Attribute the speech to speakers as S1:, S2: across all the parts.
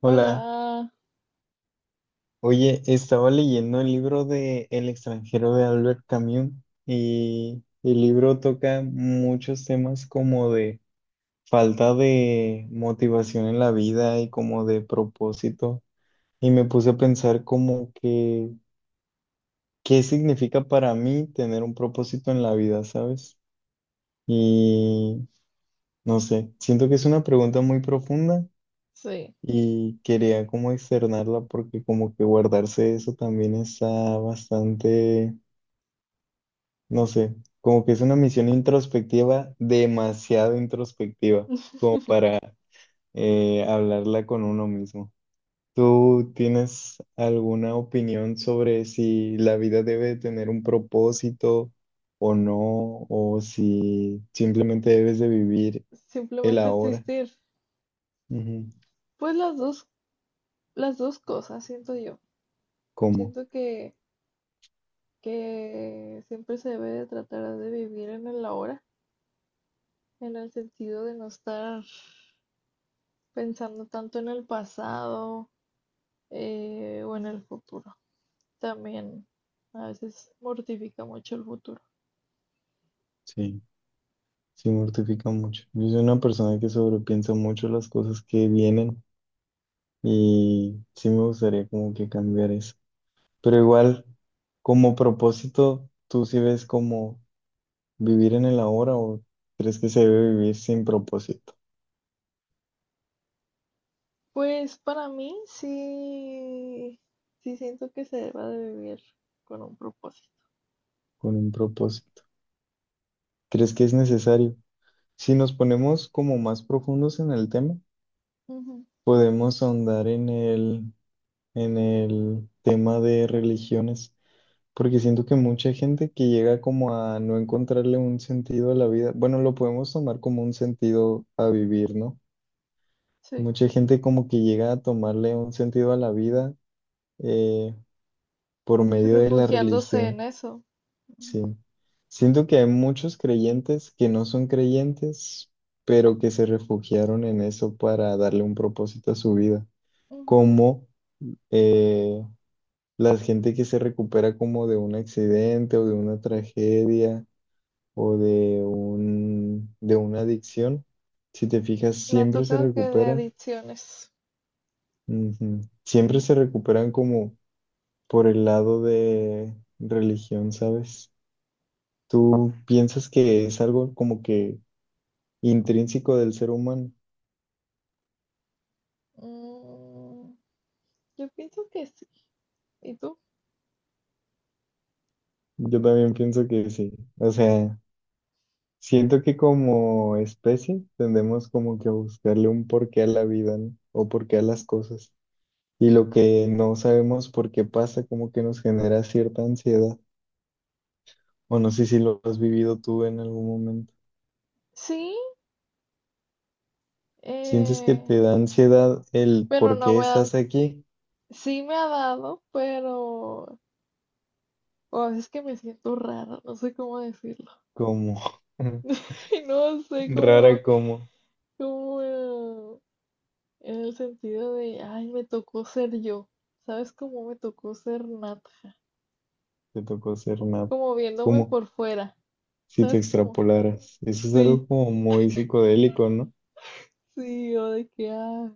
S1: Hola,
S2: Hola,
S1: oye, estaba leyendo el libro de El extranjero de Albert Camus y el libro toca muchos temas como de falta de motivación en la vida y como de propósito y me puse a pensar como que qué significa para mí tener un propósito en la vida, ¿sabes? Y no sé, siento que es una pregunta muy profunda.
S2: sí,
S1: Y quería como externarla porque como que guardarse eso también está bastante, no sé, como que es una misión introspectiva, demasiado introspectiva, como para hablarla con uno mismo. ¿Tú tienes alguna opinión sobre si la vida debe tener un propósito o no, o si simplemente debes de vivir el
S2: simplemente
S1: ahora?
S2: existir.
S1: Ujú.
S2: Pues las dos cosas, siento yo.
S1: ¿Cómo?
S2: Siento que siempre se debe de tratar de vivir en el ahora, en el sentido de no estar pensando tanto en el pasado o en el futuro. También a veces mortifica mucho el futuro.
S1: Sí. Sí, mortifica mucho. Yo soy una persona que sobrepiensa mucho las cosas que vienen y sí me gustaría como que cambiar eso. Pero igual, como propósito, ¿tú sí ves como vivir en el ahora o crees que se debe vivir sin propósito,
S2: Pues para mí sí, sí siento que se debe de vivir con un propósito.
S1: con un propósito? ¿Crees que es necesario? Si nos ponemos como más profundos en el tema,
S2: Ujú.
S1: podemos ahondar en el tema de religiones. Porque siento que mucha gente que llega como a no encontrarle un sentido a la vida, bueno, lo podemos tomar como un sentido a vivir, ¿no?
S2: Sí.
S1: Mucha gente como que llega a tomarle un sentido a la vida eh, por medio de la
S2: Refugiándose en
S1: religión,
S2: eso.
S1: sí.
S2: Ujú,
S1: Siento que hay muchos creyentes que no son creyentes, pero que se refugiaron en eso para darle un propósito a su vida,
S2: ujú.
S1: como eh, la gente que se recupera como de un accidente o de una tragedia o de de una adicción, si te fijas,
S2: Me ha
S1: siempre se
S2: tocado que de
S1: recuperan.
S2: adicciones.
S1: Ujú. Siempre se recuperan como por el lado de religión, ¿sabes? Tú piensas que es algo como que intrínseco del ser humano.
S2: Mm, yo pienso que sí. ¿Y tú?
S1: Yo también pienso que sí. O sea, siento que como especie tendemos como que a buscarle un porqué a la vida, ¿no? O porqué a las cosas. Y lo que no sabemos por qué pasa, como que nos genera cierta ansiedad. O no sé si lo has vivido tú en algún momento.
S2: Sí,
S1: ¿Sientes que
S2: eh,
S1: te da ansiedad el
S2: pero
S1: por
S2: no
S1: qué
S2: me dan.
S1: estás aquí?
S2: Sí me ha dado, pero a veces que me siento rara, no sé cómo decirlo.
S1: Como
S2: No sé cómo,
S1: rara como
S2: cómo, en el sentido de, ay, me tocó ser yo. ¿Sabes cómo me tocó ser Nat?
S1: te tocó ser nada,
S2: Como viéndome
S1: como
S2: por fuera.
S1: si te
S2: ¿Sabes cómo?
S1: extrapolaras. Eso es algo
S2: Sí.
S1: como muy psicodélico, ¿no?
S2: Sí, yo de que, ah,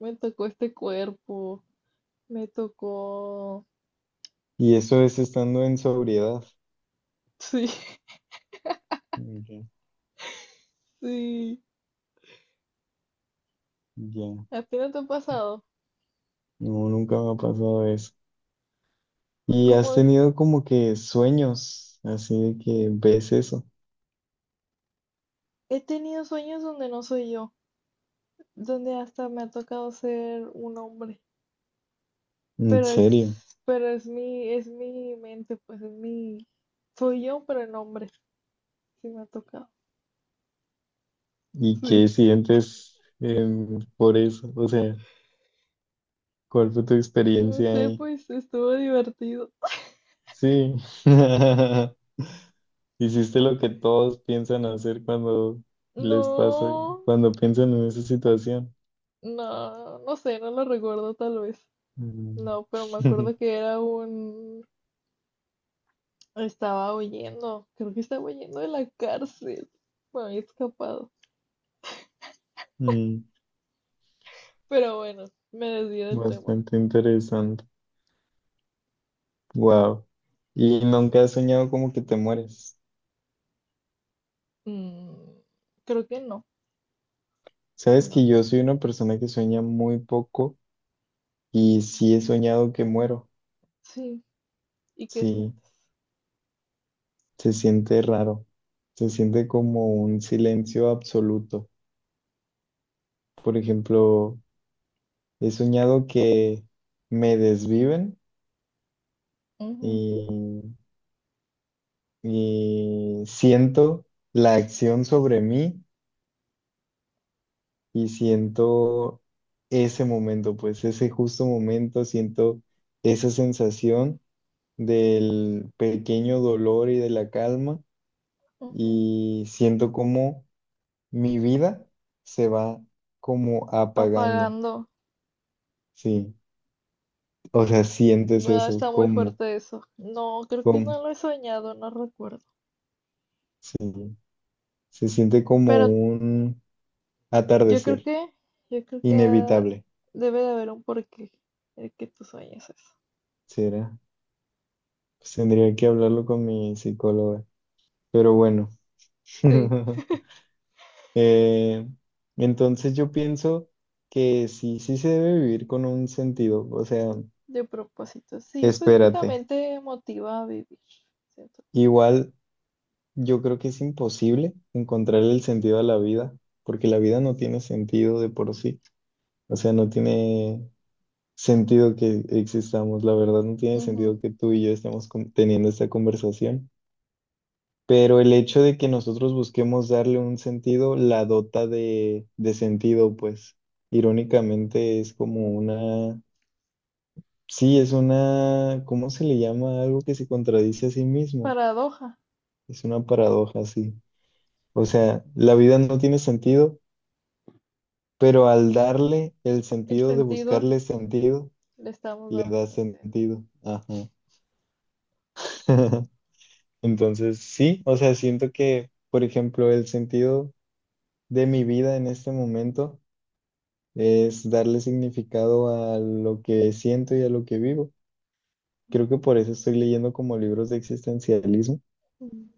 S2: me tocó este cuerpo, me tocó.
S1: Y eso es estando en sobriedad.
S2: Sí,
S1: Ok.
S2: sí.
S1: Ya.
S2: ¿A ti no te ha pasado?
S1: No, nunca me ha pasado eso.
S2: Es
S1: ¿Y has
S2: como
S1: tenido como que sueños, así de que ves eso?
S2: he tenido sueños donde no soy yo, donde hasta me ha tocado ser un hombre,
S1: ¿En
S2: pero
S1: serio?
S2: es, pero es mi, es mi mente, pues es mi, soy yo, pero en hombre, sí me ha tocado.
S1: ¿Y qué
S2: Sí,
S1: sientes por eso? O sea... ¿Cuál fue tu
S2: no
S1: experiencia
S2: sé,
S1: ahí?
S2: pues estuvo divertido.
S1: Sí, hiciste lo que todos piensan hacer cuando les pasa,
S2: No,
S1: cuando piensan en esa situación.
S2: no, no sé, no lo recuerdo tal vez.
S1: Mm.
S2: No, pero me acuerdo que era un... Estaba huyendo, creo que estaba huyendo de la cárcel. Me había escapado.
S1: Mm.
S2: Pero bueno, me desvié del tema.
S1: Bastante interesante. Wow. ¿Y nunca has soñado como que te mueres?
S2: Mm, creo que no,
S1: Sabes
S2: no.
S1: que yo soy una persona que sueña muy poco y sí he soñado que muero.
S2: Sí, ¿y qué
S1: Sí,
S2: sientes?
S1: se siente raro. Se siente como un silencio absoluto. Por ejemplo, he soñado que me desviven
S2: Ujú,
S1: y, y siento la acción sobre mí y siento ese momento, pues ese justo momento, siento esa sensación del pequeño dolor y de la calma
S2: ujú.
S1: y siento como mi vida se va como apagando,
S2: Apagando.
S1: sí, o sea, sientes
S2: Ah,
S1: eso,
S2: está muy fuerte eso. No, creo que
S1: como,
S2: no lo he soñado, no recuerdo.
S1: sí, se siente como
S2: Pero
S1: un
S2: yo creo
S1: atardecer,
S2: que, yo creo que
S1: inevitable,
S2: debe de haber un porqué el que tú sueñes eso.
S1: será. Pues tendría que hablarlo con mi psicóloga, pero bueno.
S2: Sí.
S1: Eh, entonces yo pienso que sí, sí se debe vivir con un sentido, o sea,
S2: De propósito, sí, pues que
S1: espérate.
S2: también te motiva a vivir, cierto.
S1: Igual yo creo que es imposible encontrar el sentido a la vida, porque la vida no tiene sentido de por sí, o sea, no tiene sentido que existamos, la verdad no tiene
S2: Ujú.
S1: sentido que tú y yo estemos teniendo esta conversación. Pero el hecho de que nosotros busquemos darle un sentido, la dota de sentido, pues irónicamente es como una, sí, es una, ¿cómo se le llama? Algo que se contradice a sí mismo.
S2: Paradoja,
S1: Es una paradoja, sí. O sea, la vida no tiene sentido, pero al darle el
S2: el
S1: sentido de
S2: sentido,
S1: buscarle sentido,
S2: le estamos
S1: le
S2: dando
S1: da
S2: sentido.
S1: sentido. Ajá. Entonces, sí, o sea, siento que, por ejemplo, el sentido de mi vida en este momento es darle significado a lo que siento y a lo que vivo. Creo que por eso estoy leyendo como libros de existencialismo
S2: Mm.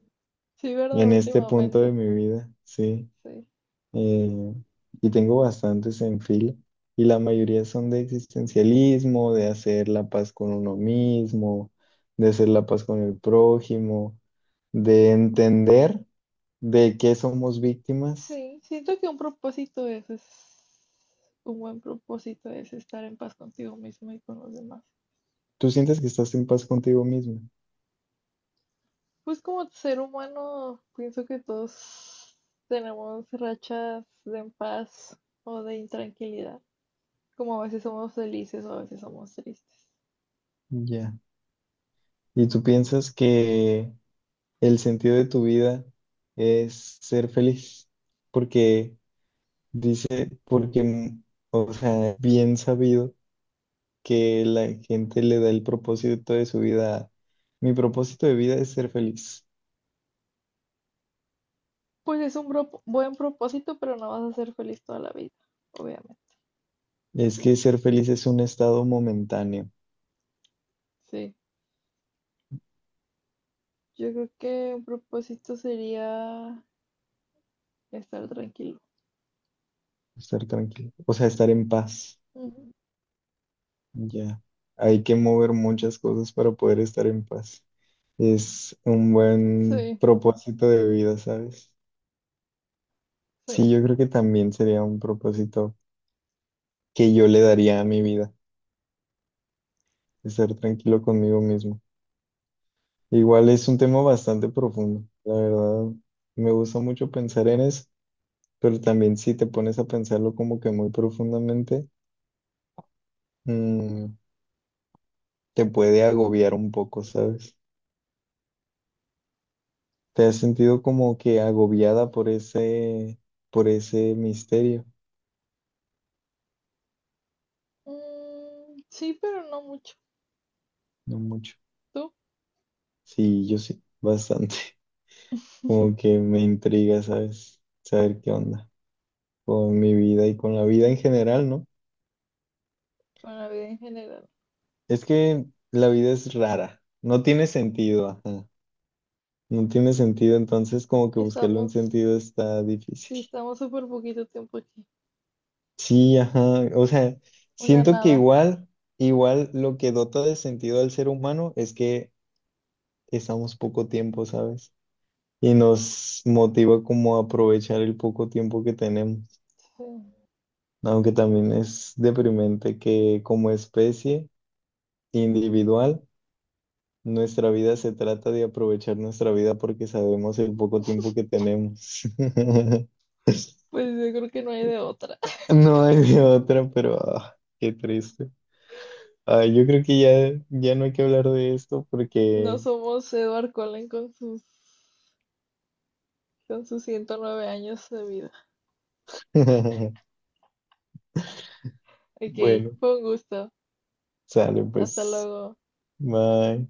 S2: Sí, ¿verdad?
S1: en este punto de
S2: Últimamente,
S1: mi vida, sí.
S2: sí.
S1: Eh, y tengo bastantes en fila y la mayoría son de existencialismo, de hacer la paz con uno mismo, de hacer la paz con el prójimo, de entender de qué somos víctimas.
S2: Sí, siento que un propósito es un buen propósito es estar en paz contigo mismo y con los demás.
S1: Tú sientes que estás en paz contigo mismo,
S2: Pues como ser humano, pienso que todos tenemos rachas de en paz o de intranquilidad, como a veces somos felices o a veces somos tristes.
S1: ya. Y tú piensas que el sentido de tu vida es ser feliz, porque dice, porque, o sea, bien sabido que la gente le da el propósito de su vida. A, mi propósito de vida es ser feliz.
S2: Pues es un buen propósito, pero no vas a ser feliz toda la vida, obviamente.
S1: Es que ser feliz es un estado momentáneo,
S2: Sí, yo creo que un propósito sería estar tranquilo.
S1: estar tranquilo, o sea, estar en paz.
S2: Ujú.
S1: Ya, hay que mover muchas cosas para poder estar en paz. Es un buen
S2: Sí,
S1: propósito de vida, ¿sabes? Sí,
S2: sí.
S1: yo creo que también sería un propósito que yo le daría a mi vida, estar tranquilo conmigo mismo. Igual es un tema bastante profundo, la verdad, me gusta mucho pensar en eso, pero también si te pones a pensarlo como que muy profundamente, mm, te puede agobiar un poco, ¿sabes? ¿Te has sentido como que agobiada por ese misterio?
S2: Mm, sí, pero no mucho.
S1: No mucho.
S2: ¿Tú?
S1: Sí, yo sí, bastante. Como que me intriga, ¿sabes? Saber qué onda con mi vida y con la vida en general, ¿no?
S2: Con la vida en general.
S1: Es que la vida es rara, no tiene sentido, ajá. No tiene sentido, entonces como que buscarle un
S2: Estamos,
S1: sentido está difícil.
S2: sí, estamos súper poquito tiempo aquí.
S1: Sí, ajá. O sea,
S2: Una
S1: siento que
S2: nada.
S1: igual, igual lo que dota de sentido al ser humano es que estamos poco tiempo, ¿sabes? Y nos motiva como a aprovechar el poco tiempo que tenemos.
S2: Sí.
S1: Aunque también es deprimente que como especie individual nuestra vida se trata de aprovechar nuestra vida porque sabemos el poco tiempo que tenemos.
S2: Pues yo creo que no hay de otra.
S1: No hay de otra, pero ah, qué triste. Ay, yo creo que ya no hay que hablar de esto porque,
S2: No somos Edward Cullen con sus 109 años de vida. Ok,
S1: bueno,
S2: fue un gusto.
S1: sale
S2: Hasta
S1: pues.
S2: luego.
S1: Bye.